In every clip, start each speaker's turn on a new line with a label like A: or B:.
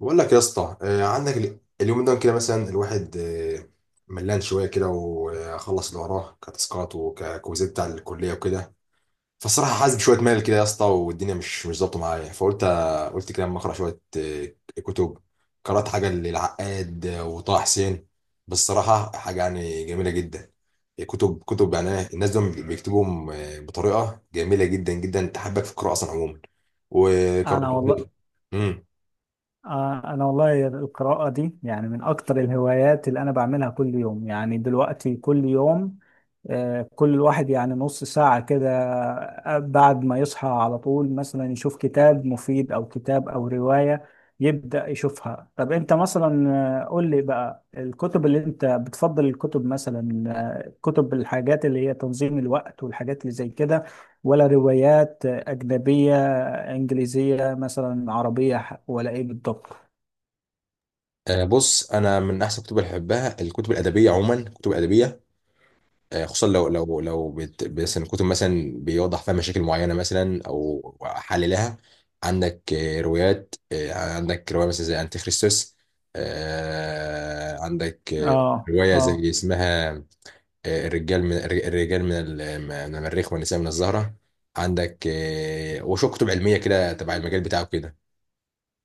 A: بقول لك يا اسطى آه، عندك اليوم ده كده مثلا الواحد آه، ملان شويه كده وخلص اللي وراه كتاسكات وككوزات بتاع الكليه وكده. فالصراحه حاسس بشويه مال كده يا اسطى، والدنيا مش ظابطه معايا، فقلت آه، قلت كده اما اقرا شويه آه، كتب. قرات حاجه للعقاد آه، وطه حسين. بالصراحه حاجه يعني جميله جدا. كتب يعني الناس دول بيكتبوا آه، بطريقه جميله جدا جدا، تحبك في القراءه اصلا عموما. وقرات
B: انا والله.
A: مم.
B: القراءة دي يعني من اكتر الهوايات اللي انا بعملها كل يوم، يعني دلوقتي كل يوم. كل الواحد يعني نص ساعة كده، بعد ما يصحى على طول مثلا يشوف كتاب مفيد او كتاب او رواية يبدأ يشوفها. طب انت مثلا، قول لي بقى الكتب اللي انت بتفضل، الكتب مثلا كتب الحاجات اللي هي تنظيم الوقت والحاجات اللي زي كده، ولا روايات أجنبية انجليزيه مثلا، عربيه ولا ايه بالضبط؟
A: آه، بص، انا من احسن الكتب اللي بحبها الكتب الادبيه عموما، الكتب الادبيه آه، خصوصا مثلا كتب مثلا بيوضح فيها مشاكل معينه مثلا او حللها. عندك آه، روايات آه، عندك روايه مثلا زي انتي خريستوس آه، عندك آه،
B: اه،
A: روايه
B: اه،
A: زي اسمها آه، الرجال من المريخ والنساء من الزهره. عندك آه، وشو كتب علميه كده تبع المجال بتاعه كده.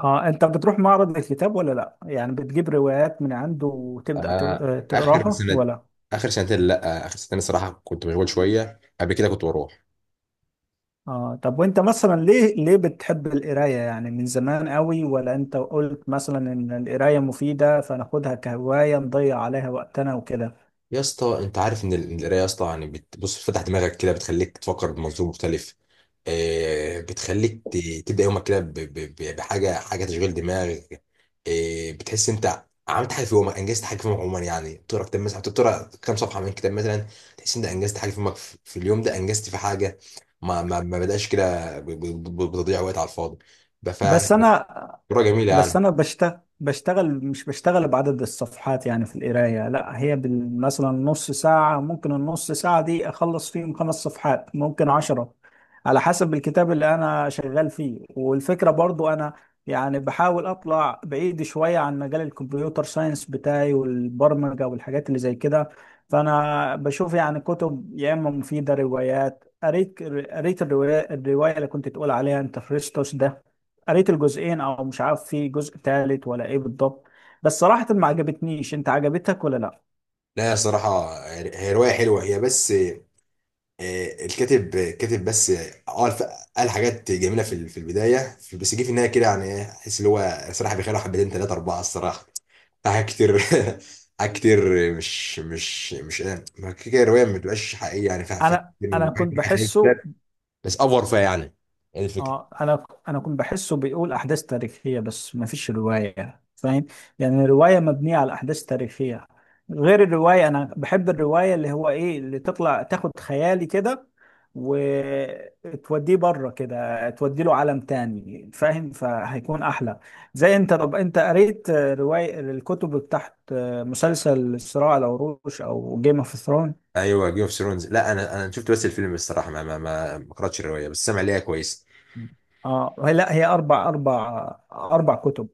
B: اه، انت بتروح معرض الكتاب ولا لا؟ يعني بتجيب روايات من عنده وتبدا
A: آه، اخر
B: تقراها
A: سنة،
B: ولا؟
A: اخر سنتين، لا اخر سنتين الصراحه كنت مشغول شويه، قبل كده كنت بروح.
B: اه، طب وانت مثلا ليه ليه بتحب القرايه؟ يعني من زمان قوي، ولا انت قلت مثلا ان القرايه مفيده فناخدها كهوايه نضيع عليها وقتنا وكده؟
A: يا اسطى انت عارف ان القرايه يا اسطى يعني بتبص، بتفتح دماغك كده، بتخليك تفكر بمنظور مختلف. آه بتخليك تبدا يومك كده بحاجه، حاجه تشغيل دماغ. آه بتحس انت عملت حاجه في يومك، انجزت حاجه في يومك عموما، يعني تقرا كتاب مثلا، تقرا كام صفحه من كتاب مثلا، تحس انت انجزت حاجه في يومك، في في اليوم ده انجزت في حاجه. ما بداش كده بتضيع وقت على الفاضي.
B: بس انا
A: رواية جميلة
B: بس
A: يعني.
B: انا بشتغل مش بشتغل بعدد الصفحات يعني في القرايه. لا هي مثلا نص ساعه، ممكن النص ساعه دي اخلص فيهم 5 صفحات ممكن 10، على حسب الكتاب اللي انا شغال فيه. والفكره برضو انا يعني بحاول اطلع بعيد شويه عن مجال الكمبيوتر ساينس بتاعي والبرمجه والحاجات اللي زي كده. فانا بشوف يعني كتب يا اما مفيده، روايات. قريت الروايه اللي كنت تقول عليها انت، فريستوس ده. قريت الجزئين او مش عارف في جزء تالت ولا ايه بالضبط. بس صراحة ما عجبتنيش. انت عجبتك ولا لا؟
A: لا صراحة هي رواية حلوة هي، بس آه، الكاتب كاتب، بس اه قال حاجات جميلة في في البداية بس جه في النهاية كده يعني إيه، احس اللي هو صراحة بيخلوا حبتين تلاتة أربعة الصراحة حاجات كتير. حاجات كتير. مش آه، ما كده كده الرواية ما بتبقاش حقيقية يعني، فيها فيها
B: انا
A: كتير
B: انا كنت
A: حاجات
B: بحسه.
A: كتير. بس أفور فيها يعني، هي دي الفكرة.
B: اه، انا كنت بحسه بيقول احداث تاريخيه بس ما فيش روايه، فاهم؟ يعني الروايه مبنيه على احداث تاريخيه. غير الروايه، انا بحب الروايه اللي هو ايه اللي تطلع تاخد خيالي كده وتوديه بره كده، تودي له عالم تاني، فاهم؟ فهيكون احلى. زي، انت طب انت قريت روايه الكتب بتاعت مسلسل صراع العروش او جيم اوف ثرون؟
A: ايوه، جيم اوف ثرونز، لا انا شفت بس الفيلم الصراحه ما قراتش الروايه، بس سامع ليها كويس.
B: اه، لا هي اربع كتب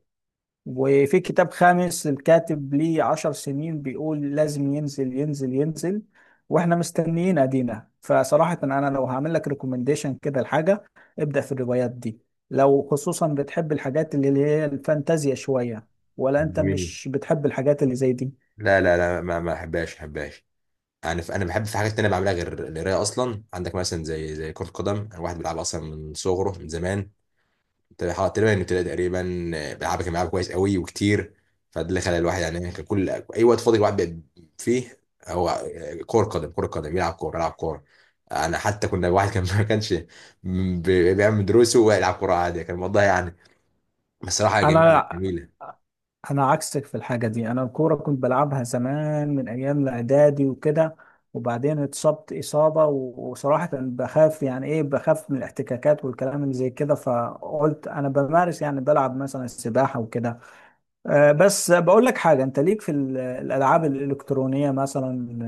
B: وفي كتاب خامس، الكاتب ليه 10 سنين بيقول لازم ينزل ينزل ينزل. واحنا مستنيين ادينا. فصراحة انا لو هعمل لك ريكومنديشن كده لحاجة، ابدأ في الروايات دي، لو خصوصا بتحب الحاجات اللي هي الفانتازيا شوية. ولا انت
A: جميل.
B: مش بتحب الحاجات اللي زي دي؟
A: لا لا لا ما ما احبهاش، احبهاش. انا بحب في حاجات تانية بعملها غير القرايه اصلا. عندك مثلا زي كره قدم، انا واحد بيلعب اصلا من صغره، من زمان، تقريبا تقريبا من ابتدائي تقريبا. بيلعبها، كان بيلعبها كويس قوي وكتير. فده اللي خلى الواحد يعني إيه، كان كل اي وقت فاضي الواحد بيبقى فيه هو كره قدم، كره قدم، يلعب كوره، يلعب كوره. انا حتى كنا واحد كان ما كانش بيعمل دروسه ويلعب كوره عادي، كان الموضوع يعني بصراحه جميله
B: انا
A: جميله.
B: انا عكسك في الحاجه دي. انا الكوره كنت بلعبها زمان من ايام الاعدادي وكده، وبعدين اتصبت اصابه وصراحه بخاف، يعني ايه، بخاف من الاحتكاكات والكلام اللي زي كده. فقلت انا بمارس يعني بلعب مثلا السباحه وكده. بس بقول لك حاجه، انت ليك في الالعاب الالكترونيه مثلا؟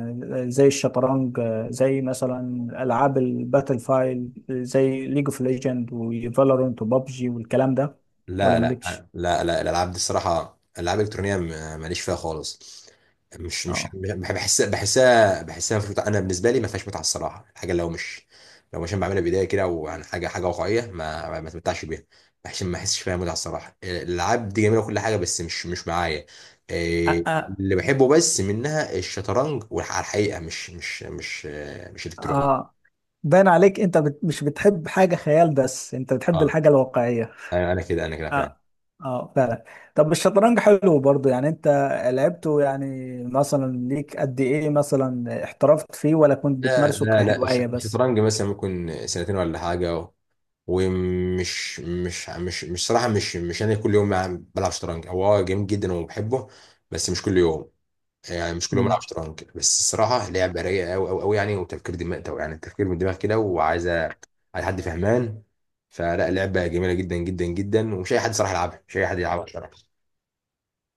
B: زي الشطرنج، زي مثلا العاب الباتل فايل زي ليج اوف ليجند وفالورنت وبابجي والكلام ده، ولا
A: لا لا
B: مالكش؟
A: لا لا الالعاب دي الصراحه الالعاب الالكترونيه ماليش فيها خالص. مش مش
B: اه.
A: بح- بحسها مش متعة. انا بالنسبه لي ما فيهاش متعه الصراحه، الحاجه لو مش أنا بعملها بايديا كده وعن حاجه، حاجه واقعيه ما اتمتعش بيها. بحس ما احسش فيها متعه الصراحه، الالعاب دي جميله وكل حاجه بس مش مش معايا.
B: أ-
A: إيه،
B: أ-
A: اللي بحبه بس منها الشطرنج والحقيقه الحقيقة، مش الكتروني.
B: اه، باين عليك انت مش بتحب حاجة خيال، بس انت بتحب
A: اه،
B: الحاجة الواقعية.
A: انا كده فعلا.
B: اه، اه فعلا. طب الشطرنج حلو برضو يعني، انت لعبته يعني، مثلا ليك قد ايه؟ مثلا احترفت فيه ولا كنت
A: لا
B: بتمارسه
A: لا لا الش-
B: كهواية بس؟
A: الشطرنج مثلا ممكن سنتين ولا حاجة، ومش مش مش مش صراحة مش أنا كل يوم بلعب شطرنج. هو آه جميل جدا وبحبه، بس مش كل يوم، يعني مش كل يوم بلعب
B: مم.
A: شطرنج، بس الصراحة لعبة رايقة أوي أوي أوي يعني، وتفكير دماغ ده يعني، التفكير من دماغ كده، وعايزة على حد فهمان. فلا، لعبة جميلة جدا جدا جدا، ومش أي حد صراحة يلعبها، مش أي حد يلعبها صراحة.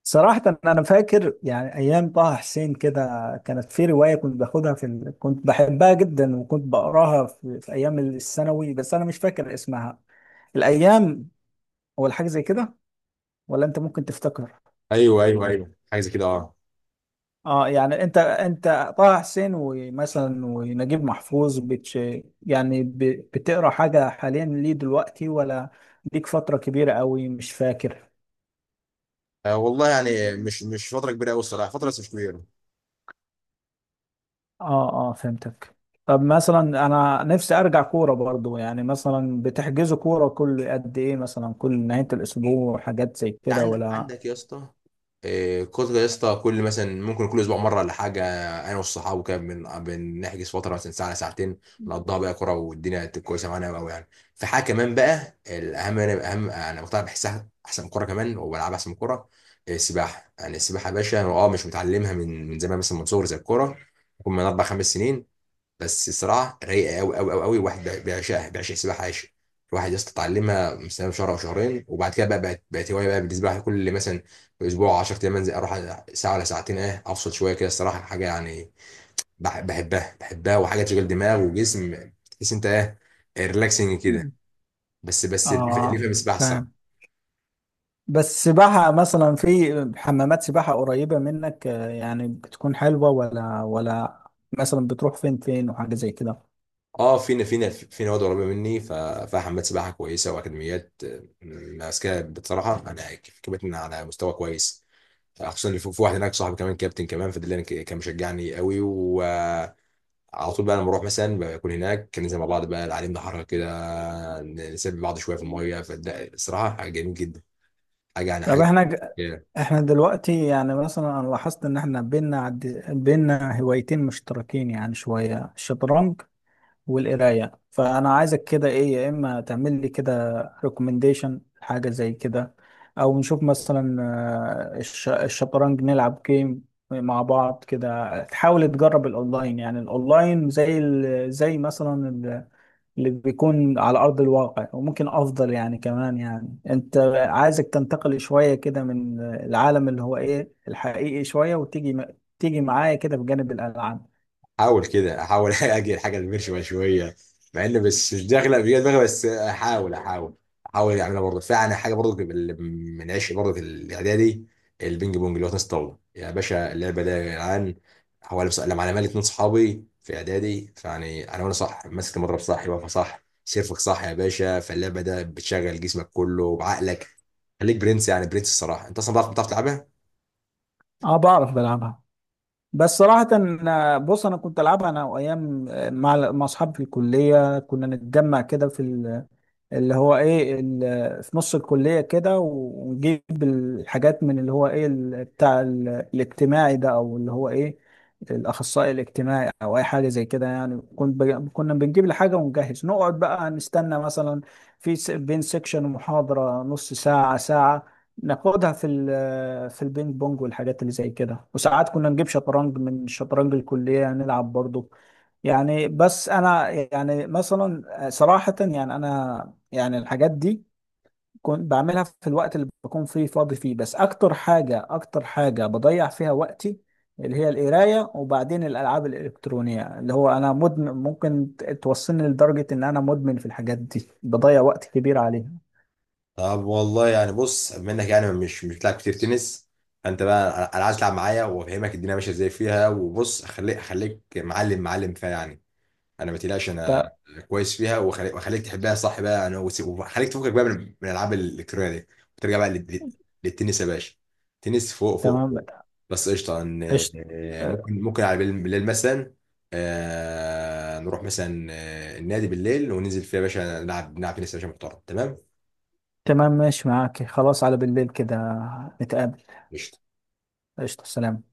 B: صراحة انا فاكر يعني ايام طه حسين كده كانت في رواية كنت باخدها كنت بحبها جدا وكنت بقراها في ايام الثانوي بس انا مش فاكر اسمها. الايام، ولا حاجة زي كده، ولا انت ممكن تفتكر؟
A: أيوه أيوه أيوه حاجة زي كده، أه.
B: اه يعني انت انت طه حسين ومثلا ونجيب محفوظ، يعني بتقرا حاجه حاليا ليه دلوقتي، ولا ليك فتره كبيره قوي مش فاكر؟
A: آه، والله يعني مش فترة كبيرة أوي الصراحة، فترة بس مش كبيرة.
B: اه، اه فهمتك. طب مثلا انا نفسي ارجع كوره برضو. يعني مثلا بتحجزوا كوره كل قد ايه؟ مثلا كل نهايه الاسبوع حاجات زي كده ولا؟
A: عندك يا اسطى آه، كتر يا اسطى، كل مثلا ممكن كل اسبوع مره ولا حاجه. انا والصحاب وكده بنحجز فتره مثلا ساعه ساعتين، نقضيها بقى كوره، والدنيا تبقى كويسه معانا قوي يعني. في حاجه كمان بقى الاهم، انا اهم انا بقتنع، بحسها احسن من الكوره كمان، وبلعبها احسن من الكوره، آه، السباحه. يعني السباحه يا باشا أنا اه مش متعلمها من من زمان مثلا من صغري زي الكوره، ممكن من اربع خمس سنين، بس صراحه رايقه قوي قوي قوي قوي، الواحد بيعشقها، بيعشق السباحه عايش. الواحد يا اسطى اتعلمها مثلا شهر او شهرين وبعد كده بقى بقت هوايه بقى بالنسبه لي. كل مثلا اسبوع 10 ايام انزل اروح ساعه ولا ساعتين، اه افصل شويه كده الصراحه، حاجه يعني بحبها، بحبها، وحاجه تشغل دماغ وجسم، تحس انت ايه، ريلاكسنج كده.
B: مم.
A: اللي
B: اه،
A: يفهم السباحه الصراحه.
B: فاهم. بس سباحة مثلا في حمامات سباحة قريبة منك، يعني بتكون حلوة، ولا ولا مثلا بتروح فين فين وحاجة زي كده؟
A: اه، فينا فينا في نواد قريبه مني، فيها حمامات سباحه كويسه واكاديميات آه، ماسكاها بصراحه، انا كفت على مستوى كويس، خصوصا اللي في في واحد هناك صاحبي كمان، كابتن كمان، فده اللي أنا كان مشجعني قوي، وعلى طول بقى لما بروح مثلا بكون هناك، كان ننزل مع بعض بقى، العالم ده حركه كده، نسبي بعض شويه في الميه، فده الصراحه حاجه جميل جدا، حاجه يعني
B: طب
A: حاجه.
B: احنا احنا دلوقتي يعني مثلا انا لاحظت ان احنا بينا هوايتين مشتركين يعني، شوية الشطرنج والقراية. فأنا عايزك كده، إيه، يا إما تعمل لي كده ريكومنديشن حاجة زي كده، أو نشوف مثلا، الشطرنج، نلعب جيم مع بعض كده. تحاول تجرب الأونلاين، يعني الأونلاين زي زي مثلا اللي بيكون على أرض الواقع، وممكن أفضل يعني كمان. يعني أنت عايزك تنتقل شوية كده من العالم اللي هو إيه الحقيقي شوية، وتيجي تيجي معايا كده بجانب الألعاب.
A: احاول كده، احاول اجي الحاجه اللي ماشيه شويه، مع ان بس مش داخله بيا دماغي، بس احاول احاول اعملها برضه. فعلا حاجه برضه اللي من عشق برضه في الاعدادي، البينج بونج، اللي هو تنس الطاوله يا باشا، اللعبه ده يا جدعان. هو بس لما انا مالي اتنين صحابي في اعدادي، فيعني انا، وانا صح ماسك المضرب صح، واقفه صح، سيرفك صح يا باشا، فاللعبه ده بتشغل جسمك كله وعقلك. خليك برنس، يعني برنس الصراحه، انت اصلا بتعرف، بتعرف تلعبها.
B: أه، بعرف بلعبها. بس صراحة أنا- بص أنا كنت ألعبها أنا وأيام، مع أصحابي في الكلية كنا نتجمع كده اللي هو ايه في نص الكلية كده، ونجيب الحاجات من اللي هو ايه بتاع الاجتماعي ده، او اللي هو ايه الاخصائي الاجتماعي او اي حاجة زي كده يعني. كنا بنجيب الحاجة ونجهز، نقعد بقى نستنى مثلا بين سيكشن محاضرة نص ساعة ساعة، ناخدها في البينج بونج والحاجات اللي زي كده. وساعات كنا نجيب شطرنج من شطرنج الكلية نلعب برضه يعني. بس انا يعني مثلا، صراحة يعني انا يعني الحاجات دي كنت بعملها في الوقت اللي بكون فيه فاضي فيه. بس اكتر حاجة، اكتر حاجة بضيع فيها وقتي اللي هي القراية، وبعدين الالعاب الالكترونية، اللي هو انا مدمن، ممكن توصلني لدرجة ان انا مدمن في الحاجات دي، بضيع وقت كبير عليها.
A: طب والله يعني بص، منك يعني مش بتلعب كتير تنس، فانت بقى انا عايز تلعب معايا، وافهمك الدنيا ماشيه ازاي فيها، وبص اخليك، اخليك معلم، معلم فيها يعني. انا ما تقلقش انا
B: ت-
A: كويس فيها، واخليك تحبها صح بقى يعني، وخليك تفكك بقى من من الالعاب الالكترونيه دي، وترجع بقى للتنس يا باشا، تنس فوق فوق
B: تمام.
A: فوق. بس قشطه
B: قشطة.
A: آه،
B: أه،
A: ممكن ممكن على بالليل، بالليل مثلا آه، نروح مثلا آه، النادي بالليل وننزل فيها يا باشا، نلعب نلعب تنس يا باشا محترم تمام.
B: تمام، ماشي معاك خلاص، على بالليل كده نتقابل.
A: قشطه.
B: قشطة، سلام.